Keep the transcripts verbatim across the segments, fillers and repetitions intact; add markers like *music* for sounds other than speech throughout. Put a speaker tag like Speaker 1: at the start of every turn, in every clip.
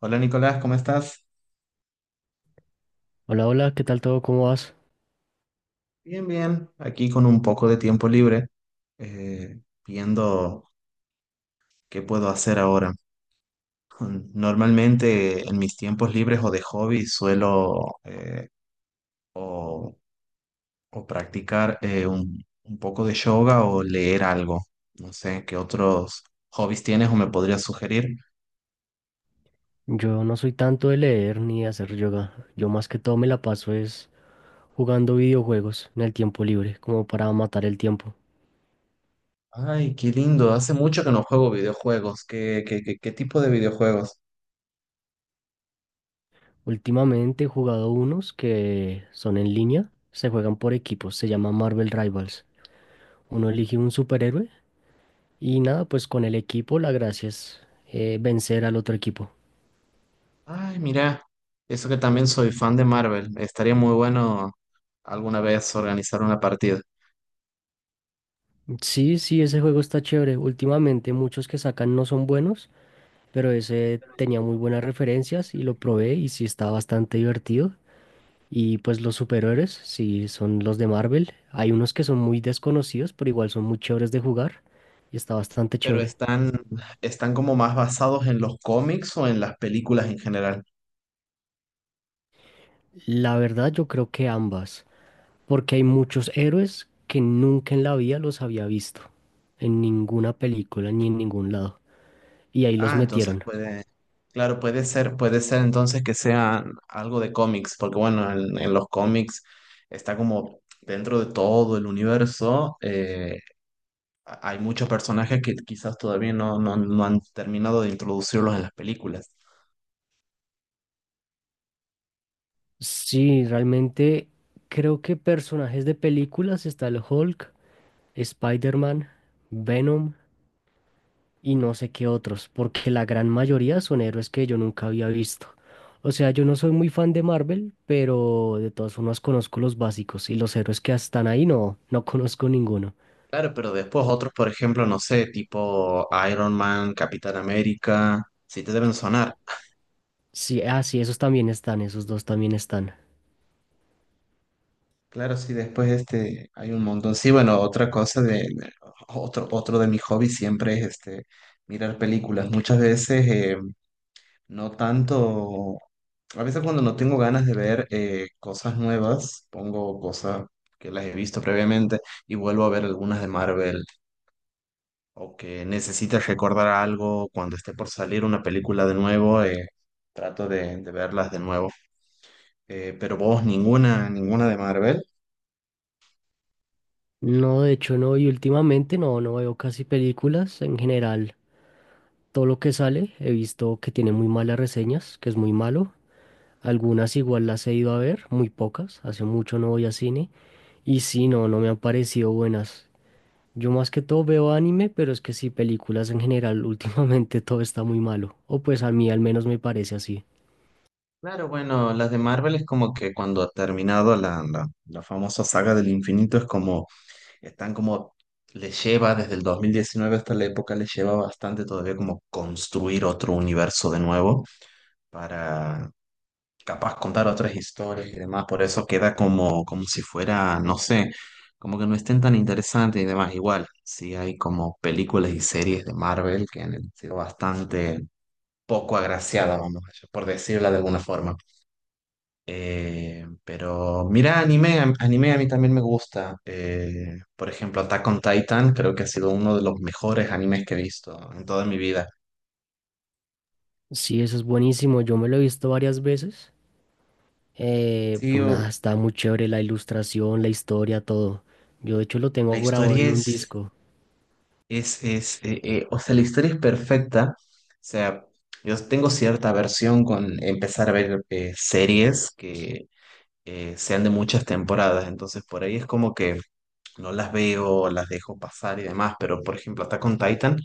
Speaker 1: Hola Nicolás, ¿cómo estás?
Speaker 2: Hola, hola, ¿qué tal todo? ¿Cómo vas?
Speaker 1: Bien, bien, aquí con un poco de tiempo libre, eh, viendo qué puedo hacer ahora. Mm, normalmente en mis tiempos libres o de hobby suelo, eh, o, o practicar eh, un, un poco de yoga o leer algo. No sé, ¿qué otros hobbies tienes o me podrías sugerir?
Speaker 2: Yo no soy tanto de leer ni de hacer yoga. Yo más que todo me la paso es jugando videojuegos en el tiempo libre, como para matar el tiempo.
Speaker 1: Ay, qué lindo, hace mucho que no juego videojuegos. ¿Qué, qué, qué, qué tipo de videojuegos?
Speaker 2: Últimamente he jugado unos que son en línea, se juegan por equipos, se llama Marvel Rivals. Uno elige un superhéroe y nada, pues con el equipo la gracia es eh, vencer al otro equipo.
Speaker 1: Ay, mira, eso que también soy fan de Marvel. Estaría muy bueno alguna vez organizar una partida.
Speaker 2: Sí, sí, ese juego está chévere. Últimamente muchos que sacan no son buenos, pero ese tenía muy buenas referencias y lo probé y sí está bastante divertido. Y pues los superhéroes, sí, son los de Marvel. Hay unos que son muy desconocidos, pero igual son muy chéveres de jugar y está bastante
Speaker 1: Pero
Speaker 2: chévere.
Speaker 1: están, están como más basados en los cómics o en las películas en general.
Speaker 2: La verdad, yo creo que ambas, porque hay muchos héroes que nunca en la vida los había visto, en ninguna película ni en ningún lado, y ahí los
Speaker 1: Ah, entonces
Speaker 2: metieron.
Speaker 1: puede, claro, puede ser, puede ser entonces que sea algo de cómics, porque bueno, en, en los cómics está como dentro de todo el universo. Eh, hay muchos personajes que quizás todavía no, no, no han terminado de introducirlos en las películas.
Speaker 2: Sí, realmente creo que personajes de películas está el Hulk, Spider-Man, Venom, y no sé qué otros, porque la gran mayoría son héroes que yo nunca había visto. O sea, yo no soy muy fan de Marvel, pero de todas formas conozco los básicos y los héroes que están ahí no, no conozco ninguno.
Speaker 1: Claro, pero después otros, por ejemplo, no sé, tipo Iron Man, Capitán América, sí te deben sonar.
Speaker 2: Sí, ah, sí, esos también están, esos dos también están.
Speaker 1: Claro, sí, después este hay un montón. Sí, bueno, otra cosa de de- otro otro de mis hobbies siempre es este mirar películas. Muchas veces, eh, no tanto, a veces cuando no tengo ganas de ver eh, cosas nuevas, pongo cosas que las he visto previamente y vuelvo a ver algunas de Marvel, o que necesites recordar algo cuando esté por salir una película de nuevo. Eh, trato de, de verlas de nuevo. Eh, pero vos, ninguna, ninguna de Marvel.
Speaker 2: No, de hecho no, y últimamente no, no veo casi películas en general. Todo lo que sale he visto que tiene muy malas reseñas, que es muy malo. Algunas igual las he ido a ver, muy pocas, hace mucho no voy a cine. Y sí, no, no me han parecido buenas. Yo más que todo veo anime, pero es que sí, películas en general, *laughs* últimamente todo está muy malo. O pues a mí al menos me parece así.
Speaker 1: Claro, bueno, las de Marvel es como que cuando ha terminado la, la, la famosa saga del infinito es como, están como, les lleva desde el dos mil diecinueve hasta la época, les lleva bastante todavía como construir otro universo de nuevo para, capaz contar otras historias y demás, por eso queda como, como si fuera, no sé, como que no estén tan interesantes y demás. Igual, sí hay como películas y series de Marvel que han sido bastante poco agraciadas, vamos, por decirla de alguna forma. Eh, pero mira, anime, a- anime a mí también me gusta. Eh, por ejemplo, Attack on Titan creo que ha sido uno de los mejores animes que he visto en toda mi vida.
Speaker 2: Sí, eso es buenísimo, yo me lo he visto varias veces. Eh,
Speaker 1: Sí,
Speaker 2: pues nada,
Speaker 1: o-
Speaker 2: está muy chévere la ilustración, la historia, todo. Yo de hecho lo
Speaker 1: la
Speaker 2: tengo
Speaker 1: historia
Speaker 2: grabado en un
Speaker 1: es...
Speaker 2: disco.
Speaker 1: Es, es, eh, eh, o sea, la historia es perfecta. O sea, yo tengo cierta aversión con empezar a ver eh, series que eh, sean de muchas temporadas. Entonces, por ahí es como que no las veo, las dejo pasar y demás. Pero, por ejemplo, Attack on Titan,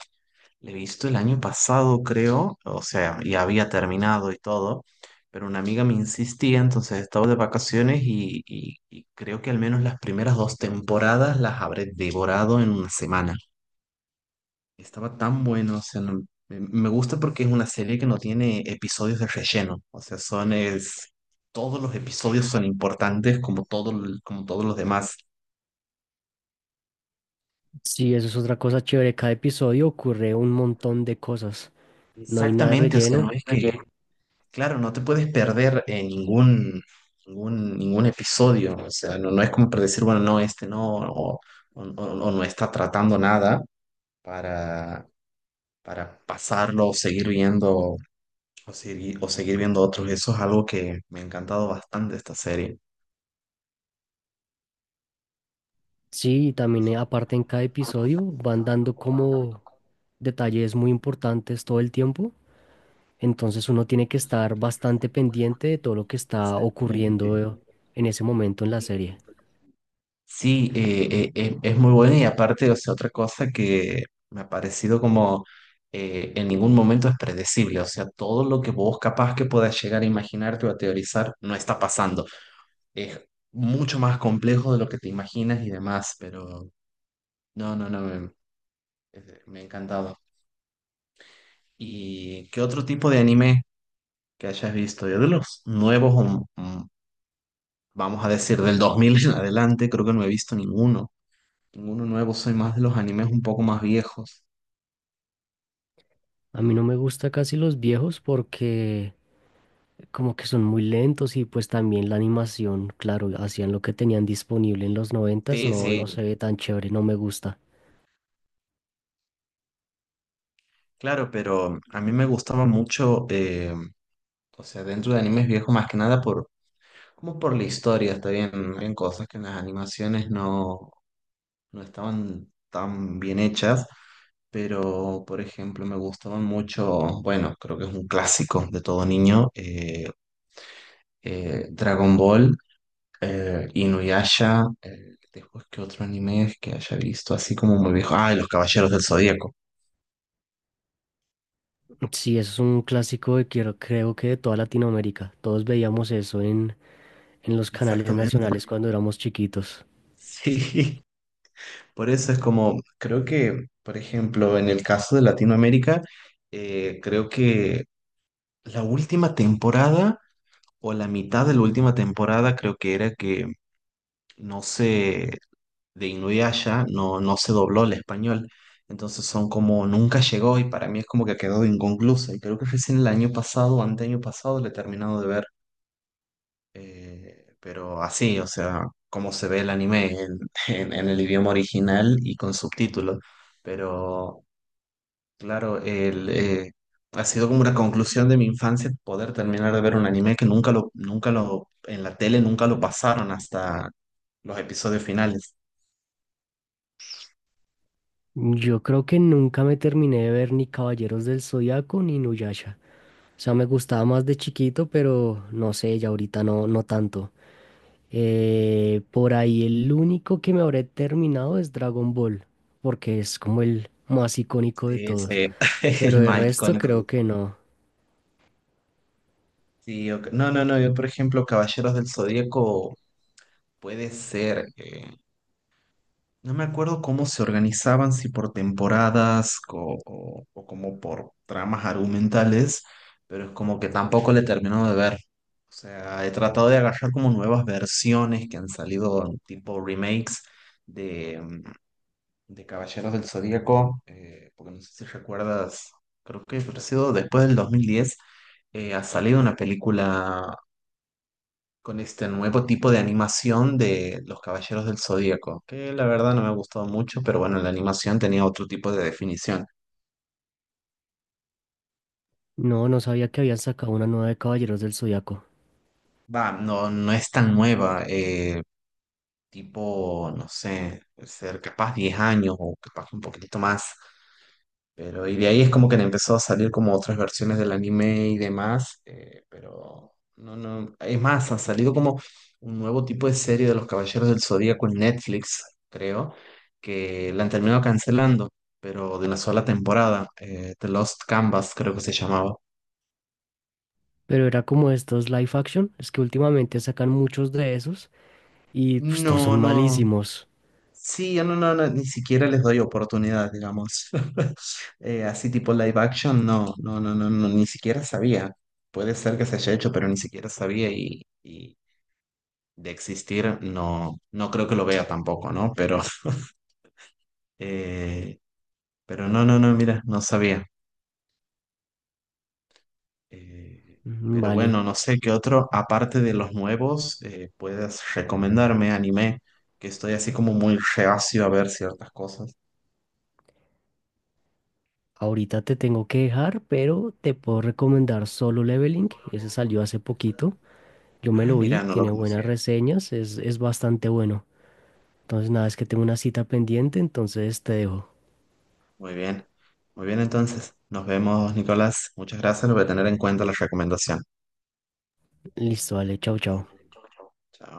Speaker 1: la he visto el año pasado, creo. O sea, y había terminado y todo. Pero una amiga me insistía, entonces estaba de vacaciones y, y y creo que al menos las primeras dos temporadas las habré devorado en una semana. Estaba tan bueno, o sea, no, me me gusta porque es una serie que no tiene episodios de relleno, o sea, son es, todos los episodios son importantes como todo, el- como todos los demás.
Speaker 2: Sí, eso es otra cosa chévere. Cada episodio ocurre un montón de cosas. No hay nada de
Speaker 1: Exactamente, o sea, no
Speaker 2: relleno.
Speaker 1: es que... Ok, claro, no te puedes perder en ningún, ningún, ningún episodio, o sea, no, no es como para decir, bueno, no, este no, o, o- o no está tratando nada para, para pasarlo o seguir viendo o seguir, o seguir viendo otros. Eso es algo que me ha encantado bastante de esta serie.
Speaker 2: Sí, y también eh, aparte en cada episodio van dando como detalles muy importantes todo el tiempo. Entonces uno tiene que estar bastante pendiente de todo lo que está
Speaker 1: Exactamente.
Speaker 2: ocurriendo en ese momento en la serie.
Speaker 1: Sí, eh, eh, eh, es muy bueno y aparte, o sea, otra cosa que me ha parecido como eh, en ningún momento es predecible, o sea, todo lo que vos capaz que puedas llegar a imaginarte o a teorizar no está pasando. Es mucho más complejo de lo que te imaginas y demás, pero no, no, no, me, es- me ha encantado. ¿Y qué otro tipo de anime que hayas visto? Yo de los nuevos, um, um, vamos a decir, del dos mil en adelante, creo que no he visto ninguno. Ninguno nuevo, soy más de los animes un poco más viejos.
Speaker 2: A mí no me gusta casi los viejos porque como que son muy lentos y pues también la animación, claro, hacían lo que tenían disponible en los noventas,
Speaker 1: Sí,
Speaker 2: no, no se
Speaker 1: sí,
Speaker 2: ve tan chévere, no me gusta.
Speaker 1: claro, pero a mí me gustaba mucho, eh, o sea, dentro de animes viejos más que nada por, como por la historia, está bien, en cosas que en las animaciones no, no estaban tan bien hechas. Pero, por ejemplo, me gustaban mucho, bueno, creo que es un clásico de todo niño, eh, eh, Dragon Ball, eh, Inuyasha, eh, después que otro anime es que haya visto así como muy viejo. Ah, y Los Caballeros del Zodíaco.
Speaker 2: Sí, eso es un clásico de quiero, creo que de toda Latinoamérica. Todos veíamos eso en, en los canales
Speaker 1: Exactamente.
Speaker 2: nacionales cuando éramos chiquitos.
Speaker 1: Sí. *laughs* Por eso es como, creo que, por ejemplo, en el caso de Latinoamérica, eh, creo que la última temporada o la mitad de la última temporada creo que era que no sé, de Inuyasha no, no se dobló el español. Entonces son como nunca llegó y para mí es como que quedó inconclusa. Y creo que recién el año pasado, o anteaño pasado, le he terminado de ver. Eh, pero así, o sea, como se ve el anime en, *laughs* en- en el idioma original y con subtítulos. Pero claro, el, eh, ha sido como una conclusión de mi infancia poder terminar de ver un anime que nunca lo, nunca lo, en la tele nunca lo pasaron hasta los episodios finales.
Speaker 2: Yo creo que nunca me terminé de ver ni Caballeros del Zodiaco ni Nuyasha. O sea, me gustaba más de chiquito, pero no sé, ya ahorita no, no tanto. Eh, por ahí el único que me habré terminado es Dragon Ball, porque es como el más icónico de
Speaker 1: Sí,
Speaker 2: todos.
Speaker 1: sí, *laughs*
Speaker 2: Pero
Speaker 1: el
Speaker 2: el
Speaker 1: más
Speaker 2: resto
Speaker 1: icónico
Speaker 2: creo
Speaker 1: de
Speaker 2: que
Speaker 1: todos.
Speaker 2: no.
Speaker 1: Sí, ok. No, no, no, yo por ejemplo, Caballeros del Zodíaco puede ser, eh, no me acuerdo cómo se organizaban, si por temporadas co- o, o como por tramas argumentales, pero es como que tampoco le termino de ver. O sea, he tratado de agarrar como nuevas versiones que han salido tipo remakes de, mm, de Caballeros del Zodíaco, eh, porque no sé si recuerdas, creo que ha sido después del dos mil diez, eh, ha salido una película con este nuevo tipo de animación de Los Caballeros del Zodíaco, que la verdad no me ha gustado mucho, pero bueno, la animación tenía otro tipo de definición.
Speaker 2: No, no sabía que habían sacado una nueva de Caballeros del Zodiaco.
Speaker 1: Va, no, no es tan nueva, eh, tipo, no sé, ser capaz diez años o capaz un poquitito más. Pero, y de ahí es como que le empezó a salir como otras versiones del anime y demás, eh, pero no, no, es más, ha salido como un nuevo tipo de serie de los Caballeros del Zodíaco en Netflix, creo, que la han terminado cancelando, pero de una sola temporada, eh, The Lost Canvas creo que se llamaba.
Speaker 2: Pero era como estos live action, es que últimamente sacan muchos de esos y pues todos son
Speaker 1: No, no.
Speaker 2: malísimos.
Speaker 1: Sí, yo no, no, no, ni siquiera les doy oportunidad, digamos. *laughs* Eh, así tipo live action, no, no, no, no, no, ni siquiera sabía. Puede ser que se haya hecho, pero ni siquiera sabía y, y de existir no, no creo que lo vea tampoco, ¿no? Pero, *laughs* eh, pero no, no, no, mira, no sabía. Eh,
Speaker 2: Mm,
Speaker 1: pero
Speaker 2: vale,
Speaker 1: bueno, no sé qué otro, aparte de los nuevos, eh, puedes recomendarme anime, que estoy así como muy reacio a ver ciertas cosas.
Speaker 2: ahorita te tengo que dejar, pero te puedo recomendar Solo Leveling, ese salió hace poquito. Yo me
Speaker 1: Ah,
Speaker 2: lo
Speaker 1: mira,
Speaker 2: vi,
Speaker 1: no lo
Speaker 2: tiene buenas
Speaker 1: conocía.
Speaker 2: reseñas, es, es bastante bueno. Entonces, nada, es que tengo una cita pendiente, entonces te dejo.
Speaker 1: Muy bien. Muy bien, entonces. Nos vemos, Nicolás. Muchas gracias. Lo voy a tener en cuenta la recomendación.
Speaker 2: Listo, vale, chao, chao.
Speaker 1: Chao.